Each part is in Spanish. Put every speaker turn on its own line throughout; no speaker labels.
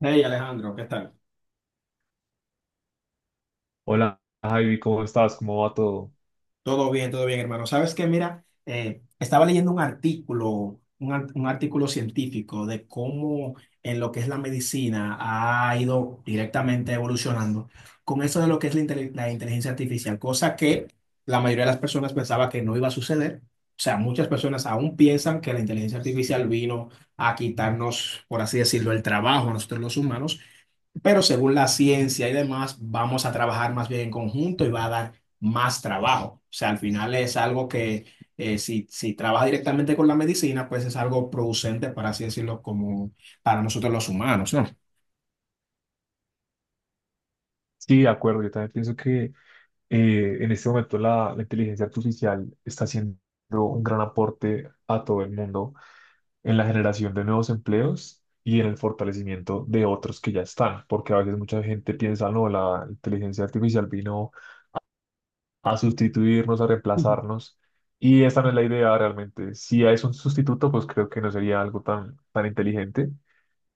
Hey, Alejandro, ¿qué tal?
Hola, Javi, ¿cómo estás? ¿Cómo va todo?
Todo bien, hermano. Sabes que, mira, estaba leyendo un artículo, un artículo científico de cómo en lo que es la medicina ha ido directamente evolucionando con eso de lo que es la inteligencia artificial, cosa que la mayoría de las personas pensaba que no iba a suceder. O sea, muchas personas aún piensan que la inteligencia artificial vino a quitarnos, por así decirlo, el trabajo a nosotros los humanos. Pero según la ciencia y demás, vamos a trabajar más bien en conjunto y va a dar más trabajo. O sea, al final es algo que si trabaja directamente con la medicina, pues es algo producente, para así decirlo, como para nosotros los humanos, ¿no?
Sí, de acuerdo, yo también pienso que en este momento la inteligencia artificial está haciendo un gran aporte a todo el mundo en la generación de nuevos empleos y en el fortalecimiento de otros que ya están, porque a veces mucha gente piensa, no, la inteligencia artificial vino a sustituirnos, a
Ujú.
reemplazarnos, y esta no es la idea realmente. Si es un sustituto, pues creo que no sería algo tan inteligente.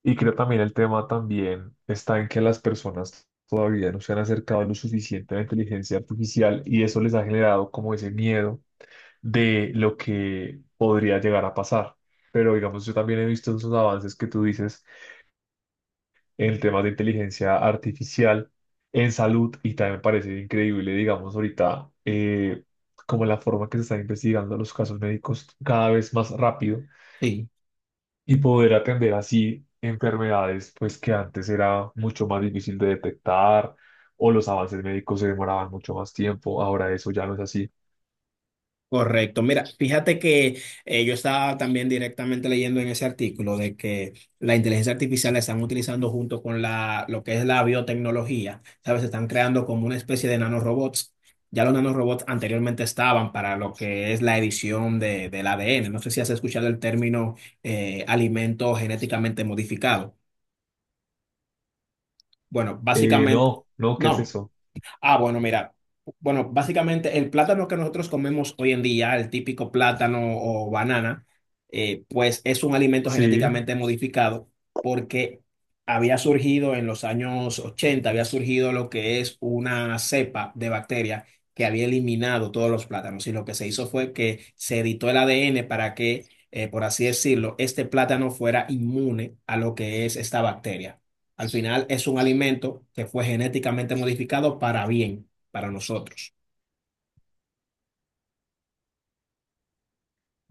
Y creo también el tema también está en que las personas todavía no se han acercado lo suficiente a la inteligencia artificial y eso les ha generado como ese miedo de lo que podría llegar a pasar. Pero digamos, yo también he visto esos avances que tú dices en temas de inteligencia artificial en salud y también me parece increíble, digamos, ahorita como la forma que se están investigando los casos médicos cada vez más rápido
Sí.
y poder atender así enfermedades pues que antes era mucho más difícil de detectar, o los avances médicos se demoraban mucho más tiempo, ahora eso ya no es así.
Correcto. Mira, fíjate que yo estaba también directamente leyendo en ese artículo de que la inteligencia artificial la están utilizando junto con la, lo que es la biotecnología. ¿Sabes? Están creando como una especie de nanorobots. Ya los nanorobots anteriormente estaban para lo que es la edición de, del ADN. No sé si has escuchado el término alimento genéticamente modificado. Bueno, básicamente,
No, no, ¿qué es
no.
eso?
Ah, bueno, mira. Bueno, básicamente el plátano que nosotros comemos hoy en día, el típico plátano o banana, pues es un alimento
Sí,
genéticamente modificado porque había surgido en los años 80, había surgido lo que es una cepa de bacteria que había eliminado todos los plátanos. Y lo que se hizo fue que se editó el ADN para que, por así decirlo, este plátano fuera inmune a lo que es esta bacteria. Al final es un alimento que fue genéticamente modificado para bien, para nosotros.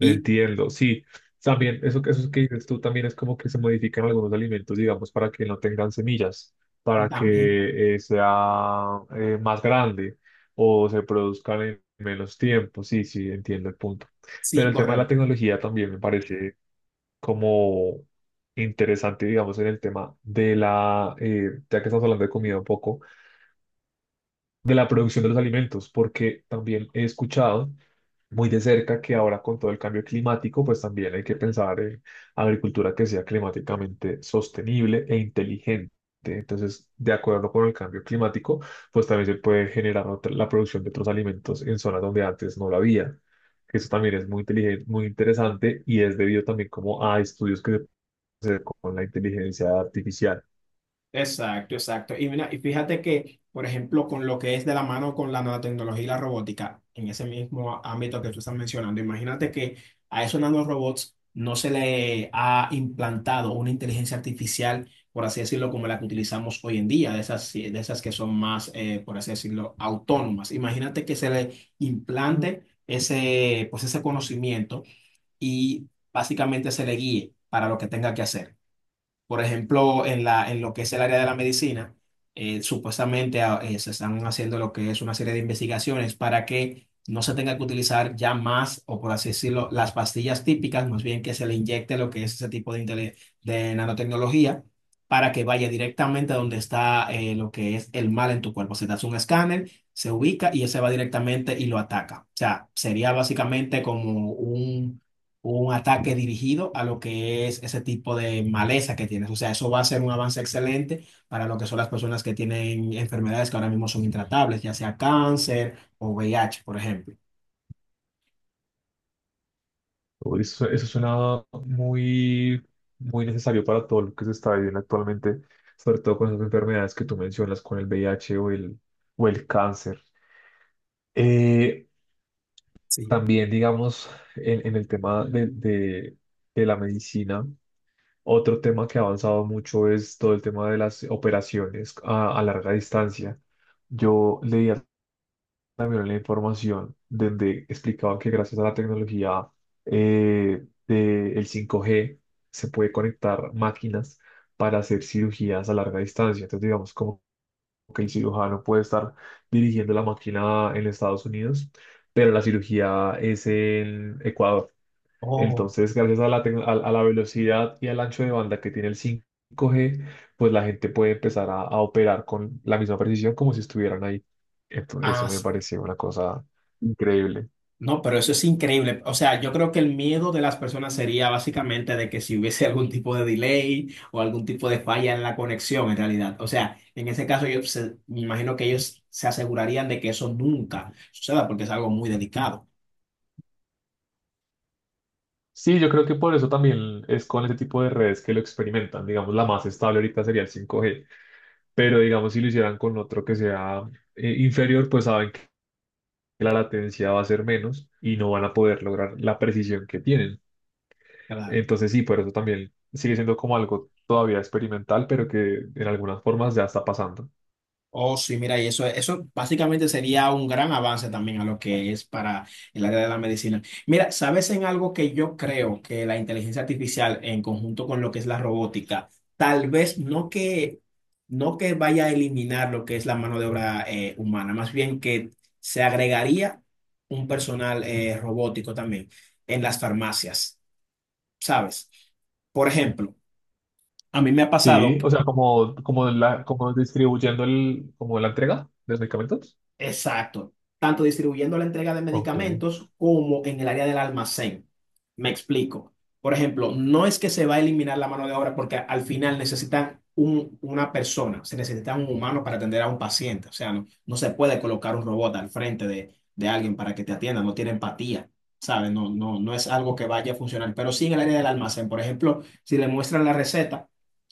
Y
sí. También eso, eso que dices tú también es como que se modifican algunos alimentos, digamos, para que no tengan semillas, para
también,
que sea más grande o se produzcan en menos tiempo. Sí, sí, entiendo el punto. Pero
sí,
el tema de la
correcto.
tecnología también me parece como interesante, digamos, en el tema de ya que estamos hablando de comida un poco, de la producción de los alimentos, porque también he escuchado muy de cerca que ahora con todo el cambio climático, pues también hay que pensar en agricultura que sea climáticamente sostenible e inteligente. Entonces, de acuerdo con el cambio climático, pues también se puede generar la producción de otros alimentos en zonas donde antes no la había. Que Eso también es muy inteligente, muy interesante y es debido también como a estudios que se pueden hacer con la inteligencia artificial.
Exacto, exacto. Y mira, y fíjate que, por ejemplo, con lo que es de la mano con la nanotecnología y la robótica, en ese mismo ámbito que tú estás mencionando, imagínate que a esos nanorobots no se le ha implantado una inteligencia artificial, por así decirlo, como la que utilizamos hoy en día, de esas, sí, de esas que son más, por así decirlo, autónomas. Imagínate que se le implante ese, pues ese conocimiento y básicamente se le guíe para lo que tenga que hacer. Por ejemplo, en lo que es el área de la medicina, supuestamente, se están haciendo lo que es una serie de investigaciones para que no se tenga que utilizar ya más, o por así decirlo, las pastillas típicas, más bien que se le inyecte lo que es ese tipo de nanotecnología para que vaya directamente a donde está lo que es el mal en tu cuerpo. Se te hace un escáner, se ubica y ese va directamente y lo ataca. O sea, sería básicamente como un ataque dirigido a lo que es ese tipo de maleza que tienes. O sea, eso va a ser un avance excelente para lo que son las personas que tienen enfermedades que ahora mismo son intratables, ya sea cáncer o VIH, por ejemplo.
Uy, eso suena muy, muy necesario para todo lo que se está viviendo actualmente, sobre todo con esas enfermedades que tú mencionas, con el V I H o el cáncer. Eh,
Sí.
también, digamos, en el tema de la medicina, otro tema que ha avanzado mucho es todo el tema de las operaciones a larga distancia. Yo leía también la información donde explicaba que gracias a la tecnología del 5G se puede conectar máquinas para hacer cirugías a larga distancia. Entonces, digamos, como que el cirujano puede estar dirigiendo la máquina en Estados Unidos, pero la cirugía es en Ecuador.
Oh,
Entonces, gracias a a la velocidad y al ancho de banda que tiene el 5G, pues la gente puede empezar a operar con la misma precisión como si estuvieran ahí. Entonces,
ah,
eso me
s-
pareció una cosa increíble.
no, pero eso es increíble. O sea, yo creo que el miedo de las personas sería básicamente de que si hubiese algún tipo de delay o algún tipo de falla en la conexión, en realidad. O sea, en ese caso me imagino que ellos se asegurarían de que eso nunca suceda porque es algo muy delicado.
Sí, yo creo que por eso también es con ese tipo de redes que lo experimentan. Digamos, la más estable ahorita sería el 5G, pero digamos, si lo hicieran con otro que sea inferior, pues saben que la latencia va a ser menos y no van a poder lograr la precisión que tienen. Entonces sí, por eso también sigue siendo como algo todavía experimental, pero que en algunas formas ya está pasando.
Oh, sí, mira, y eso básicamente sería un gran avance también a lo que es para el área de la medicina. Mira, ¿sabes en algo que yo creo que la inteligencia artificial en conjunto con lo que es la robótica, tal vez no que vaya a eliminar lo que es la mano de obra humana, más bien que se agregaría un personal robótico también en las farmacias, ¿sabes? Por ejemplo, a mí me ha pasado.
Sí, o sea, como distribuyendo como la entrega de los medicamentos.
Exacto, tanto distribuyendo la entrega de
Ok.
medicamentos como en el área del almacén. Me explico. Por ejemplo, no es que se va a eliminar la mano de obra porque al final necesitan una persona, se necesita un humano para atender a un paciente. O sea, no, no se puede colocar un robot al frente de alguien para que te atienda, no tiene empatía, ¿sabes? No, no, no es algo que vaya a funcionar. Pero sí en el área del almacén, por ejemplo, si le muestran la receta.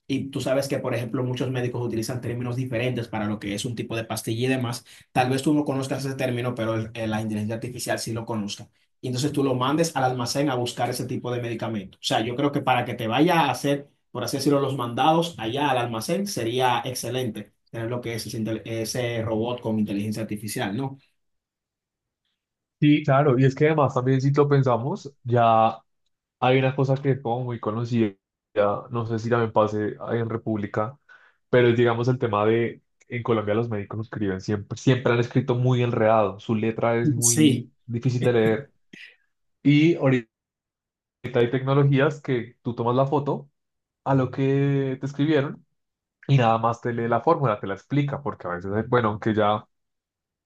Y tú sabes que, por ejemplo, muchos médicos utilizan términos diferentes para lo que es un tipo de pastilla y demás. Tal vez tú no conozcas ese término, pero la inteligencia artificial sí lo conozca. Y entonces tú lo mandes al almacén a buscar ese tipo de medicamento. O sea, yo creo que para que te vaya a hacer, por así decirlo, los mandados allá al almacén, sería excelente tener lo que es ese robot con inteligencia artificial, ¿no?
Sí, claro, y es que además también si lo pensamos, ya hay una cosa que es como muy conocida, no sé si también pase ahí en República, pero es digamos el tema de, en Colombia los médicos escriben siempre, siempre han escrito muy enredado, su letra es
Sí.
muy difícil de leer. Y ahorita hay tecnologías que tú tomas la foto a lo que te escribieron y nada más te lee la fórmula, te la explica, porque a veces, bueno, aunque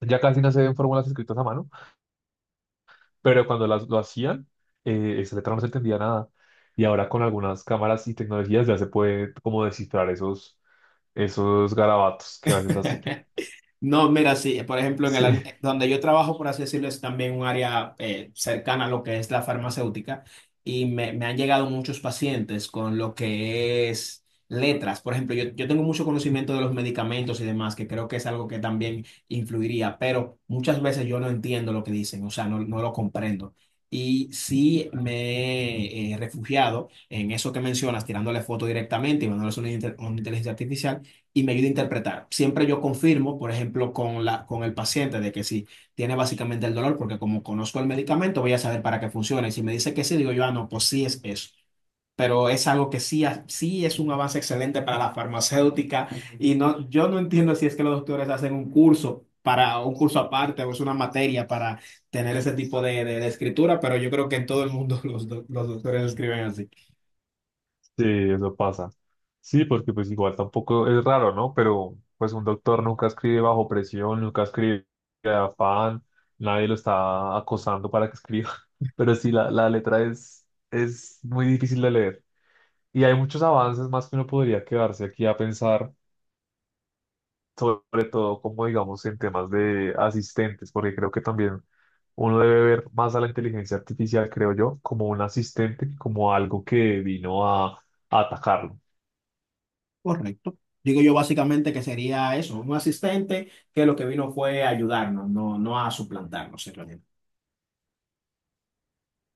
ya casi no se ven fórmulas escritas a mano, pero cuando lo hacían, esa letra no se entendía nada. Y ahora con algunas cámaras y tecnologías ya se puede como descifrar esos, esos garabatos que a veces hacen.
No, mira, sí, por ejemplo,
Sí.
donde yo trabajo, por así decirlo, es también un área cercana a lo que es la farmacéutica y me han llegado muchos pacientes con lo que es letras. Por ejemplo, yo tengo mucho conocimiento de los medicamentos y demás, que creo que es algo que también influiría, pero muchas veces yo no entiendo lo que dicen, o sea, no, no lo comprendo. Y sí me he refugiado en eso que mencionas, tirándole foto directamente y mandándole una inteligencia artificial y me ayuda a interpretar. Siempre yo confirmo, por ejemplo, con el paciente de que si tiene básicamente el dolor, porque como conozco el medicamento, voy a saber para qué funciona. Y si me dice que sí, digo yo, ah, no, pues sí es eso. Pero es algo que sí, sí es un avance excelente para la farmacéutica y no, yo no entiendo si es que los doctores hacen un curso para un curso aparte o es una materia para tener ese tipo de escritura, pero yo creo que en todo el mundo los doctores escriben así.
Sí, eso pasa. Sí, porque pues igual tampoco es raro, ¿no? Pero pues un doctor nunca escribe bajo presión, nunca escribe de afán, nadie lo está acosando para que escriba. Pero sí, la letra es muy difícil de leer. Y hay muchos avances más que uno podría quedarse aquí a pensar, sobre todo como digamos en temas de asistentes, porque creo que también uno debe ver más a la inteligencia artificial, creo yo, como un asistente que como algo que vino a atacarlo.
Correcto. Digo yo básicamente que sería eso, un asistente que lo que vino fue a ayudarnos, no, no a suplantarnos en realidad.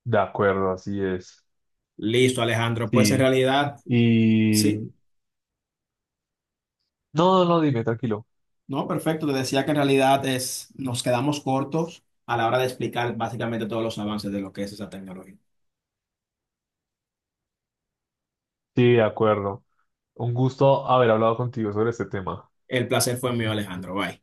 De acuerdo, así es.
Listo, Alejandro. Pues en
Sí.
realidad, sí,
Y... No, no, no, dime, tranquilo.
no, perfecto. Te decía que en realidad es, nos quedamos cortos a la hora de explicar básicamente todos los avances de lo que es esa tecnología.
Sí, de acuerdo. Un gusto haber hablado contigo sobre este tema.
El placer fue mío, Alejandro. Bye.